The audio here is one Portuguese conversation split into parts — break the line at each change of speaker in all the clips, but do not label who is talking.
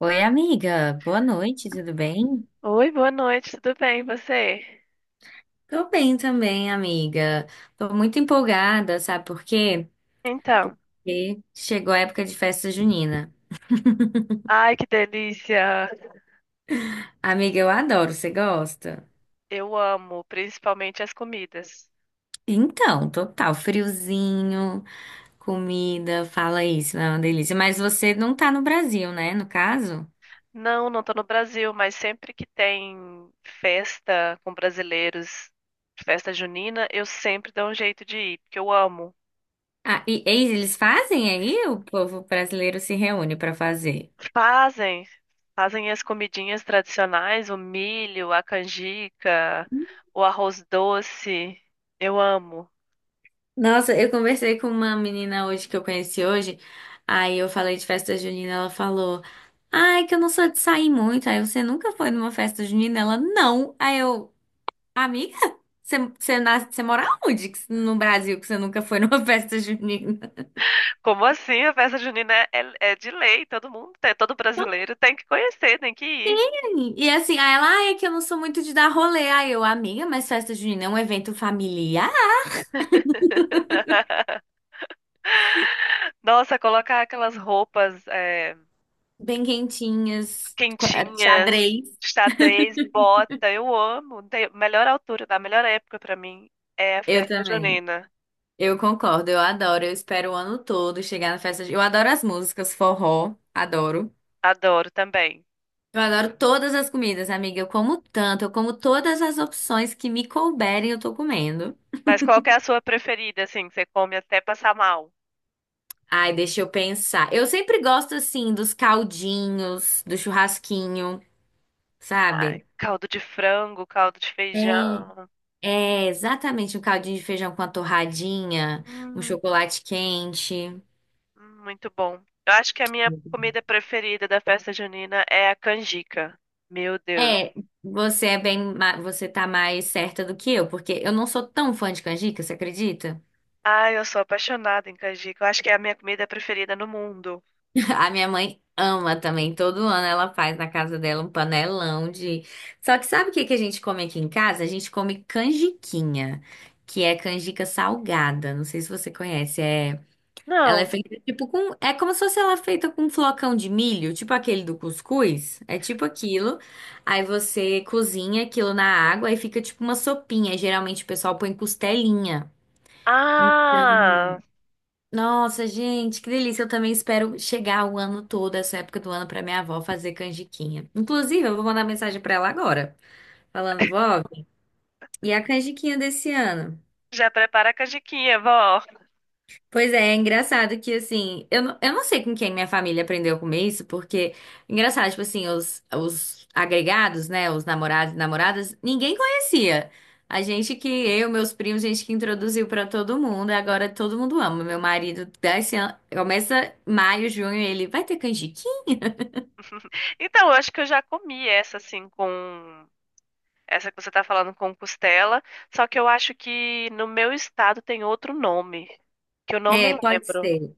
Oi, amiga. Boa noite, tudo bem?
Oi, boa noite, tudo bem, e você?
Tô bem também, amiga. Tô muito empolgada, sabe por quê?
Então,
Porque chegou a época de festa junina.
ai que delícia!
Amiga, eu adoro, você gosta?
Eu amo, principalmente as comidas.
Então, total, friozinho, comida, fala isso, é uma delícia. Mas você não tá no Brasil, né, no caso?
Não, tô no Brasil, mas sempre que tem festa com brasileiros, festa junina, eu sempre dou um jeito de ir, porque eu amo.
Ah, e eis, eles fazem aí? O povo brasileiro se reúne pra fazer.
Fazem, fazem as comidinhas tradicionais, o milho, a canjica, o arroz doce. Eu amo.
Nossa, eu conversei com uma menina hoje que eu conheci hoje. Aí eu falei de festa junina, ela falou: "Ai, que eu não sou de sair muito". Aí você nunca foi numa festa junina? Ela: "Não". Aí eu: "Amiga, você mora no Brasil que você nunca foi numa festa junina?".
Como assim? A festa junina é de lei, todo mundo, todo brasileiro tem que conhecer, tem que ir.
E assim, aí ela: "Ai, é que eu não sou muito de dar rolê". Aí eu: "Amiga, mas festa junina é um evento familiar,
Nossa, colocar aquelas roupas é,
bem quentinhas,
quentinhas,
xadrez".
xadrez, bota, eu amo. Melhor altura, a melhor época pra mim é a
Eu
festa
também.
junina.
Eu concordo, eu adoro. Eu espero o ano todo chegar na festa. Eu adoro as músicas, forró, adoro.
Adoro também.
Eu adoro todas as comidas, amiga. Eu como tanto, eu como todas as opções que me couberem, eu tô comendo.
Mas qual que é a sua preferida, assim, que você come até passar mal?
Ai, deixa eu pensar. Eu sempre gosto assim dos caldinhos, do churrasquinho,
Ai,
sabe?
caldo de frango, caldo de
É,
feijão.
é exatamente um caldinho de feijão com a torradinha, um
Hum.
chocolate quente.
Muito bom. Eu acho que a minha comida preferida da festa junina é a canjica. Meu Deus.
É, você é você tá mais certa do que eu, porque eu não sou tão fã de canjica, você acredita?
Ai, eu sou apaixonada em canjica. Eu acho que é a minha comida preferida no mundo.
A minha mãe ama também, todo ano ela faz na casa dela um panelão de. Só que sabe o que que a gente come aqui em casa? A gente come canjiquinha, que é canjica salgada. Não sei se você conhece, é. Ela é
Não.
feita tipo com. É como se fosse ela feita com um flocão de milho, tipo aquele do cuscuz. É tipo aquilo. Aí você cozinha aquilo na água, aí fica tipo uma sopinha. Aí, geralmente o pessoal põe costelinha. Então,
Ah,
nossa, gente, que delícia. Eu também espero chegar o ano todo, essa época do ano, pra minha avó fazer canjiquinha. Inclusive, eu vou mandar mensagem pra ela agora, falando, vó, e a canjiquinha desse ano?
já prepara a canjiquinha, vó.
Pois é, é engraçado que assim, eu não sei com quem minha família aprendeu a comer isso, porque engraçado, tipo assim, os agregados, né, os namorados e namoradas, ninguém conhecia. A gente que, eu, meus primos, gente que introduziu pra todo mundo, e agora todo mundo ama. Meu marido dá esse ano, começa maio, junho, ele vai ter canjiquinha?
Então, eu acho que eu já comi essa assim com essa que você tá falando com costela, só que eu acho que no meu estado tem outro nome, que eu não me
É, pode
lembro.
ser.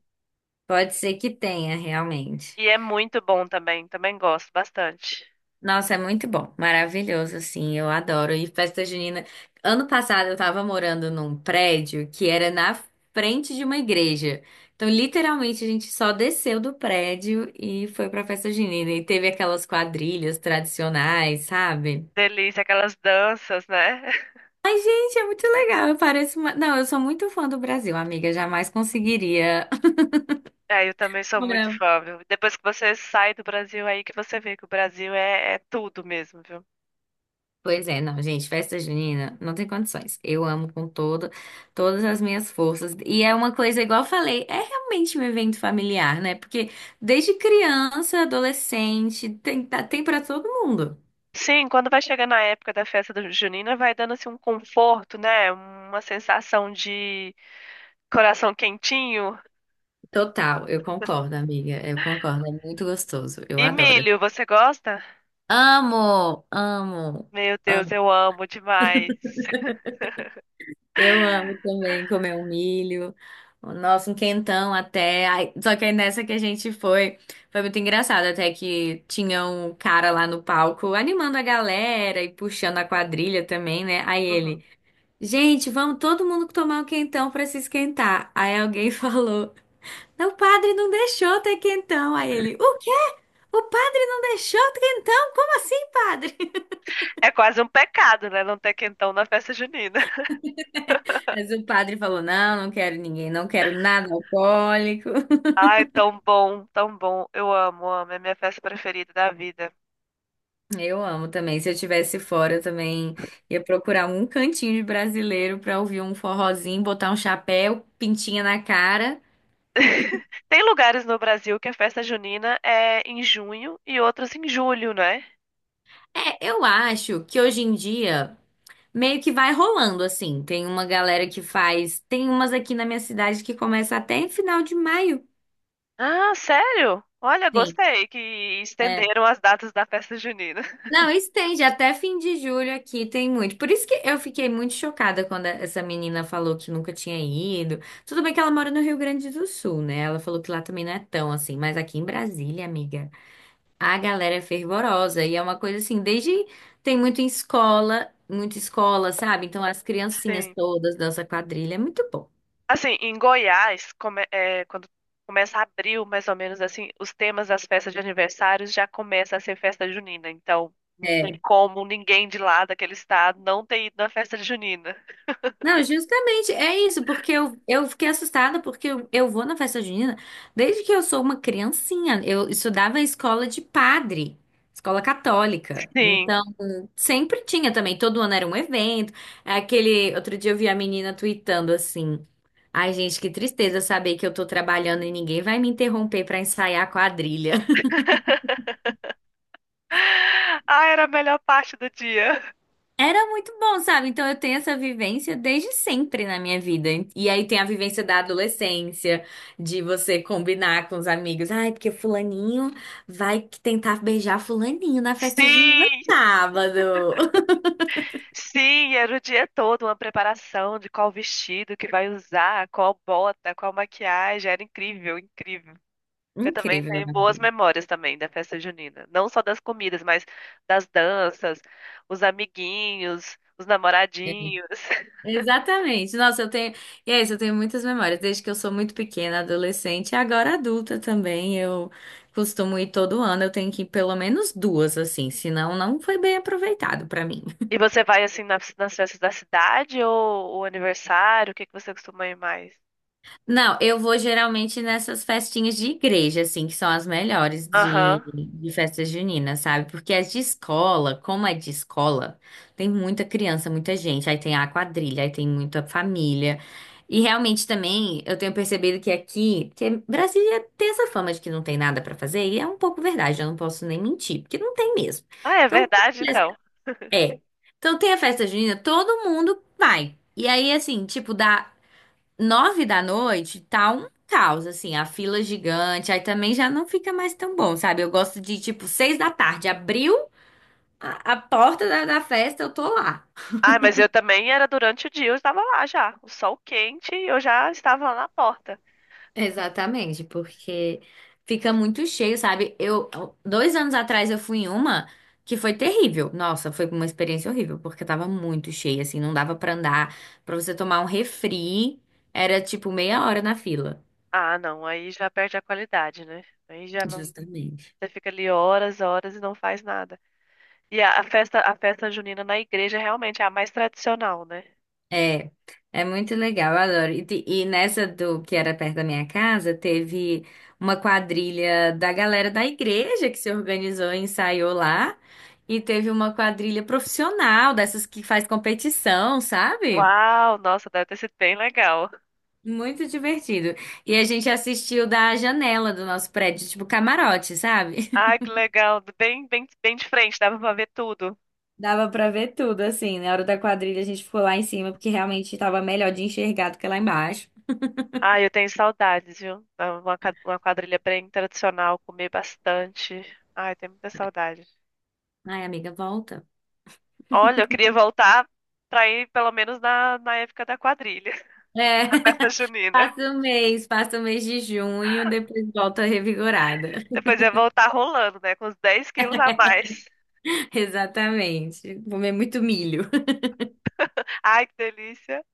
Pode ser que tenha, realmente.
E é muito bom também, também gosto bastante.
Nossa, é muito bom, maravilhoso, assim, eu adoro. E festa junina. Ano passado eu tava morando num prédio que era na frente de uma igreja. Então, literalmente, a gente só desceu do prédio e foi pra festa junina. E teve aquelas quadrilhas tradicionais, sabe?
Delícia, aquelas danças, né?
Gente, é muito legal. Eu pareço uma... Não, eu sou muito fã do Brasil, amiga. Jamais conseguiria.
É, eu também sou muito
morar.
fã, viu? Depois que você sai do Brasil, aí que você vê que o Brasil é tudo mesmo, viu?
Pois é, não, gente, festa junina não tem condições. Eu amo com todas as minhas forças. E é uma coisa, igual eu falei, é realmente um evento familiar, né? Porque desde criança, adolescente, tem para todo mundo.
Sim, quando vai chegando a época da festa do junina, vai dando assim um conforto, né? Uma sensação de coração quentinho.
Total, eu concordo, amiga. Eu concordo, é muito gostoso. Eu
E
adoro.
milho, você gosta?
Amo, amo.
Meu Deus, eu amo demais.
Eu amo também comer um milho, nossa, um quentão até. Ai, só que aí nessa que a gente foi, foi muito engraçado, até que tinha um cara lá no palco animando a galera e puxando a quadrilha também, né? Aí
Uhum.
ele, gente, vamos todo mundo tomar um quentão pra se esquentar. Aí alguém falou, não, o padre não deixou ter quentão. Aí ele, o quê? O padre não deixou ter quentão? Como assim, padre?
É quase um pecado, né? Não ter quentão na festa junina.
Mas o padre falou, não, não quero ninguém, não quero nada alcoólico.
Ai, tão bom, tão bom. Eu amo, amo. É a minha festa preferida da vida.
Eu amo também. Se eu tivesse fora, eu também ia procurar um cantinho de brasileiro pra ouvir um forrozinho, botar um chapéu, pintinha na cara.
Tem lugares no Brasil que a festa junina é em junho e outros em julho, né?
É, eu acho que hoje em dia meio que vai rolando assim. Tem uma galera que faz, tem umas aqui na minha cidade que começa até em final de maio.
Ah, sério? Olha,
Sim,
gostei que
é.
estenderam as datas da festa junina.
Não, estende até fim de julho aqui, tem muito. Por isso que eu fiquei muito chocada quando essa menina falou que nunca tinha ido. Tudo bem que ela mora no Rio Grande do Sul, né? Ela falou que lá também não é tão assim, mas aqui em Brasília, amiga, a galera é fervorosa e é uma coisa assim, desde tem muito em escola, muita escola, sabe? Então as criancinhas
Sim.
todas dançam quadrilha, é muito bom.
Assim, em Goiás, é, quando começa abril, mais ou menos assim, os temas das festas de aniversário já começa a ser festa junina. Então, não tem
É.
como ninguém de lá daquele estado não ter ido na festa junina.
Não, justamente é isso, porque eu fiquei assustada porque eu vou na festa junina desde que eu sou uma criancinha. Eu estudava em escola de padre, escola católica.
Sim.
Então, sempre tinha também, todo ano era um evento. é. Aquele outro dia eu vi a menina tweetando assim: "Ai, gente, que tristeza saber que eu tô trabalhando e ninguém vai me interromper pra ensaiar a quadrilha".
Ah, era a melhor parte do dia.
Era muito bom, sabe? Então eu tenho essa vivência desde sempre na minha vida. E aí tem a vivência da adolescência, de você combinar com os amigos. Ai, porque fulaninho vai que tentar beijar fulaninho na festa junina
Sim,
sábado.
Sim, era o dia todo uma preparação de qual vestido que vai usar, qual bota, qual maquiagem. Era incrível, incrível. Eu também
Incrível,
tenho
né?
boas memórias também da festa junina. Não só das comidas, mas das danças, os amiguinhos, os
É.
namoradinhos.
Exatamente. Nossa, eu tenho. E é isso, eu tenho muitas memórias, desde que eu sou muito pequena, adolescente, e agora adulta também. Eu costumo ir todo ano, eu tenho que ir pelo menos duas, assim, senão não foi bem aproveitado pra mim.
E você vai assim nas, nas festas da cidade ou o aniversário? O que que você costuma ir mais?
Não, eu vou geralmente nessas festinhas de igreja, assim, que são as melhores
Aham.
de festa junina, sabe? Porque as de escola, como é de escola, tem muita criança, muita gente, aí tem a quadrilha, aí tem muita família. E realmente também eu tenho percebido que aqui, que Brasília tem essa fama de que não tem nada pra fazer, e é um pouco verdade, eu não posso nem mentir, porque não tem mesmo.
Ah, é
Então,
verdade então.
é. Então tem a festa junina, todo mundo vai. E aí, assim, tipo, dá. 9 da noite tá um caos, assim, a fila gigante, aí também já não fica mais tão bom, sabe? Eu gosto de, tipo, 6 da tarde, abriu a porta da festa, eu tô lá.
Ah, mas eu também era durante o dia, eu estava lá já. O sol quente e eu já estava lá na porta.
Exatamente, porque fica muito cheio, sabe? Eu, 2 anos atrás eu fui em uma que foi terrível. Nossa, foi uma experiência horrível, porque tava muito cheio, assim, não dava pra andar. Pra você tomar um refri, era tipo meia hora na fila.
Ah, não, aí já perde a qualidade, né? Aí já não.
Justamente.
Você fica ali horas, horas e não faz nada. E a festa junina na igreja realmente é a mais tradicional, né?
É, é muito legal, eu adoro. E, e nessa do que era perto da minha casa, teve uma quadrilha da galera da igreja que se organizou e ensaiou lá. E teve uma quadrilha profissional, dessas que faz competição, sabe?
Uau, nossa, deve ter sido bem legal.
Muito divertido. E a gente assistiu da janela do nosso prédio, tipo camarote, sabe?
Ah, que legal, bem de frente, dava pra ver tudo.
Dava pra ver tudo, assim. Na hora da quadrilha a gente ficou lá em cima, porque realmente tava melhor de enxergar do que lá embaixo.
Ah, eu tenho saudades, viu? Uma quadrilha bem tradicional, comer bastante. Ai, tenho muita saudade.
Ai, amiga, volta.
Olha, eu queria voltar pra ir pelo menos na época da quadrilha,
É.
da festa junina.
Passa o mês de junho, depois volta revigorada.
Depois ia voltar rolando, né? Com uns 10 quilos a mais.
Exatamente. Comer muito milho.
Ai, que delícia.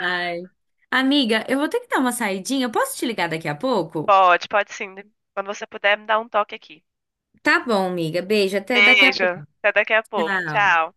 Ai. Amiga, eu vou ter que dar uma saidinha. Posso te ligar daqui a pouco?
Pode, pode sim. Quando você puder, me dá um toque aqui.
Tá bom, amiga. Beijo, até daqui a
Beijo.
pouco.
Até daqui a pouco.
Tchau.
Tchau.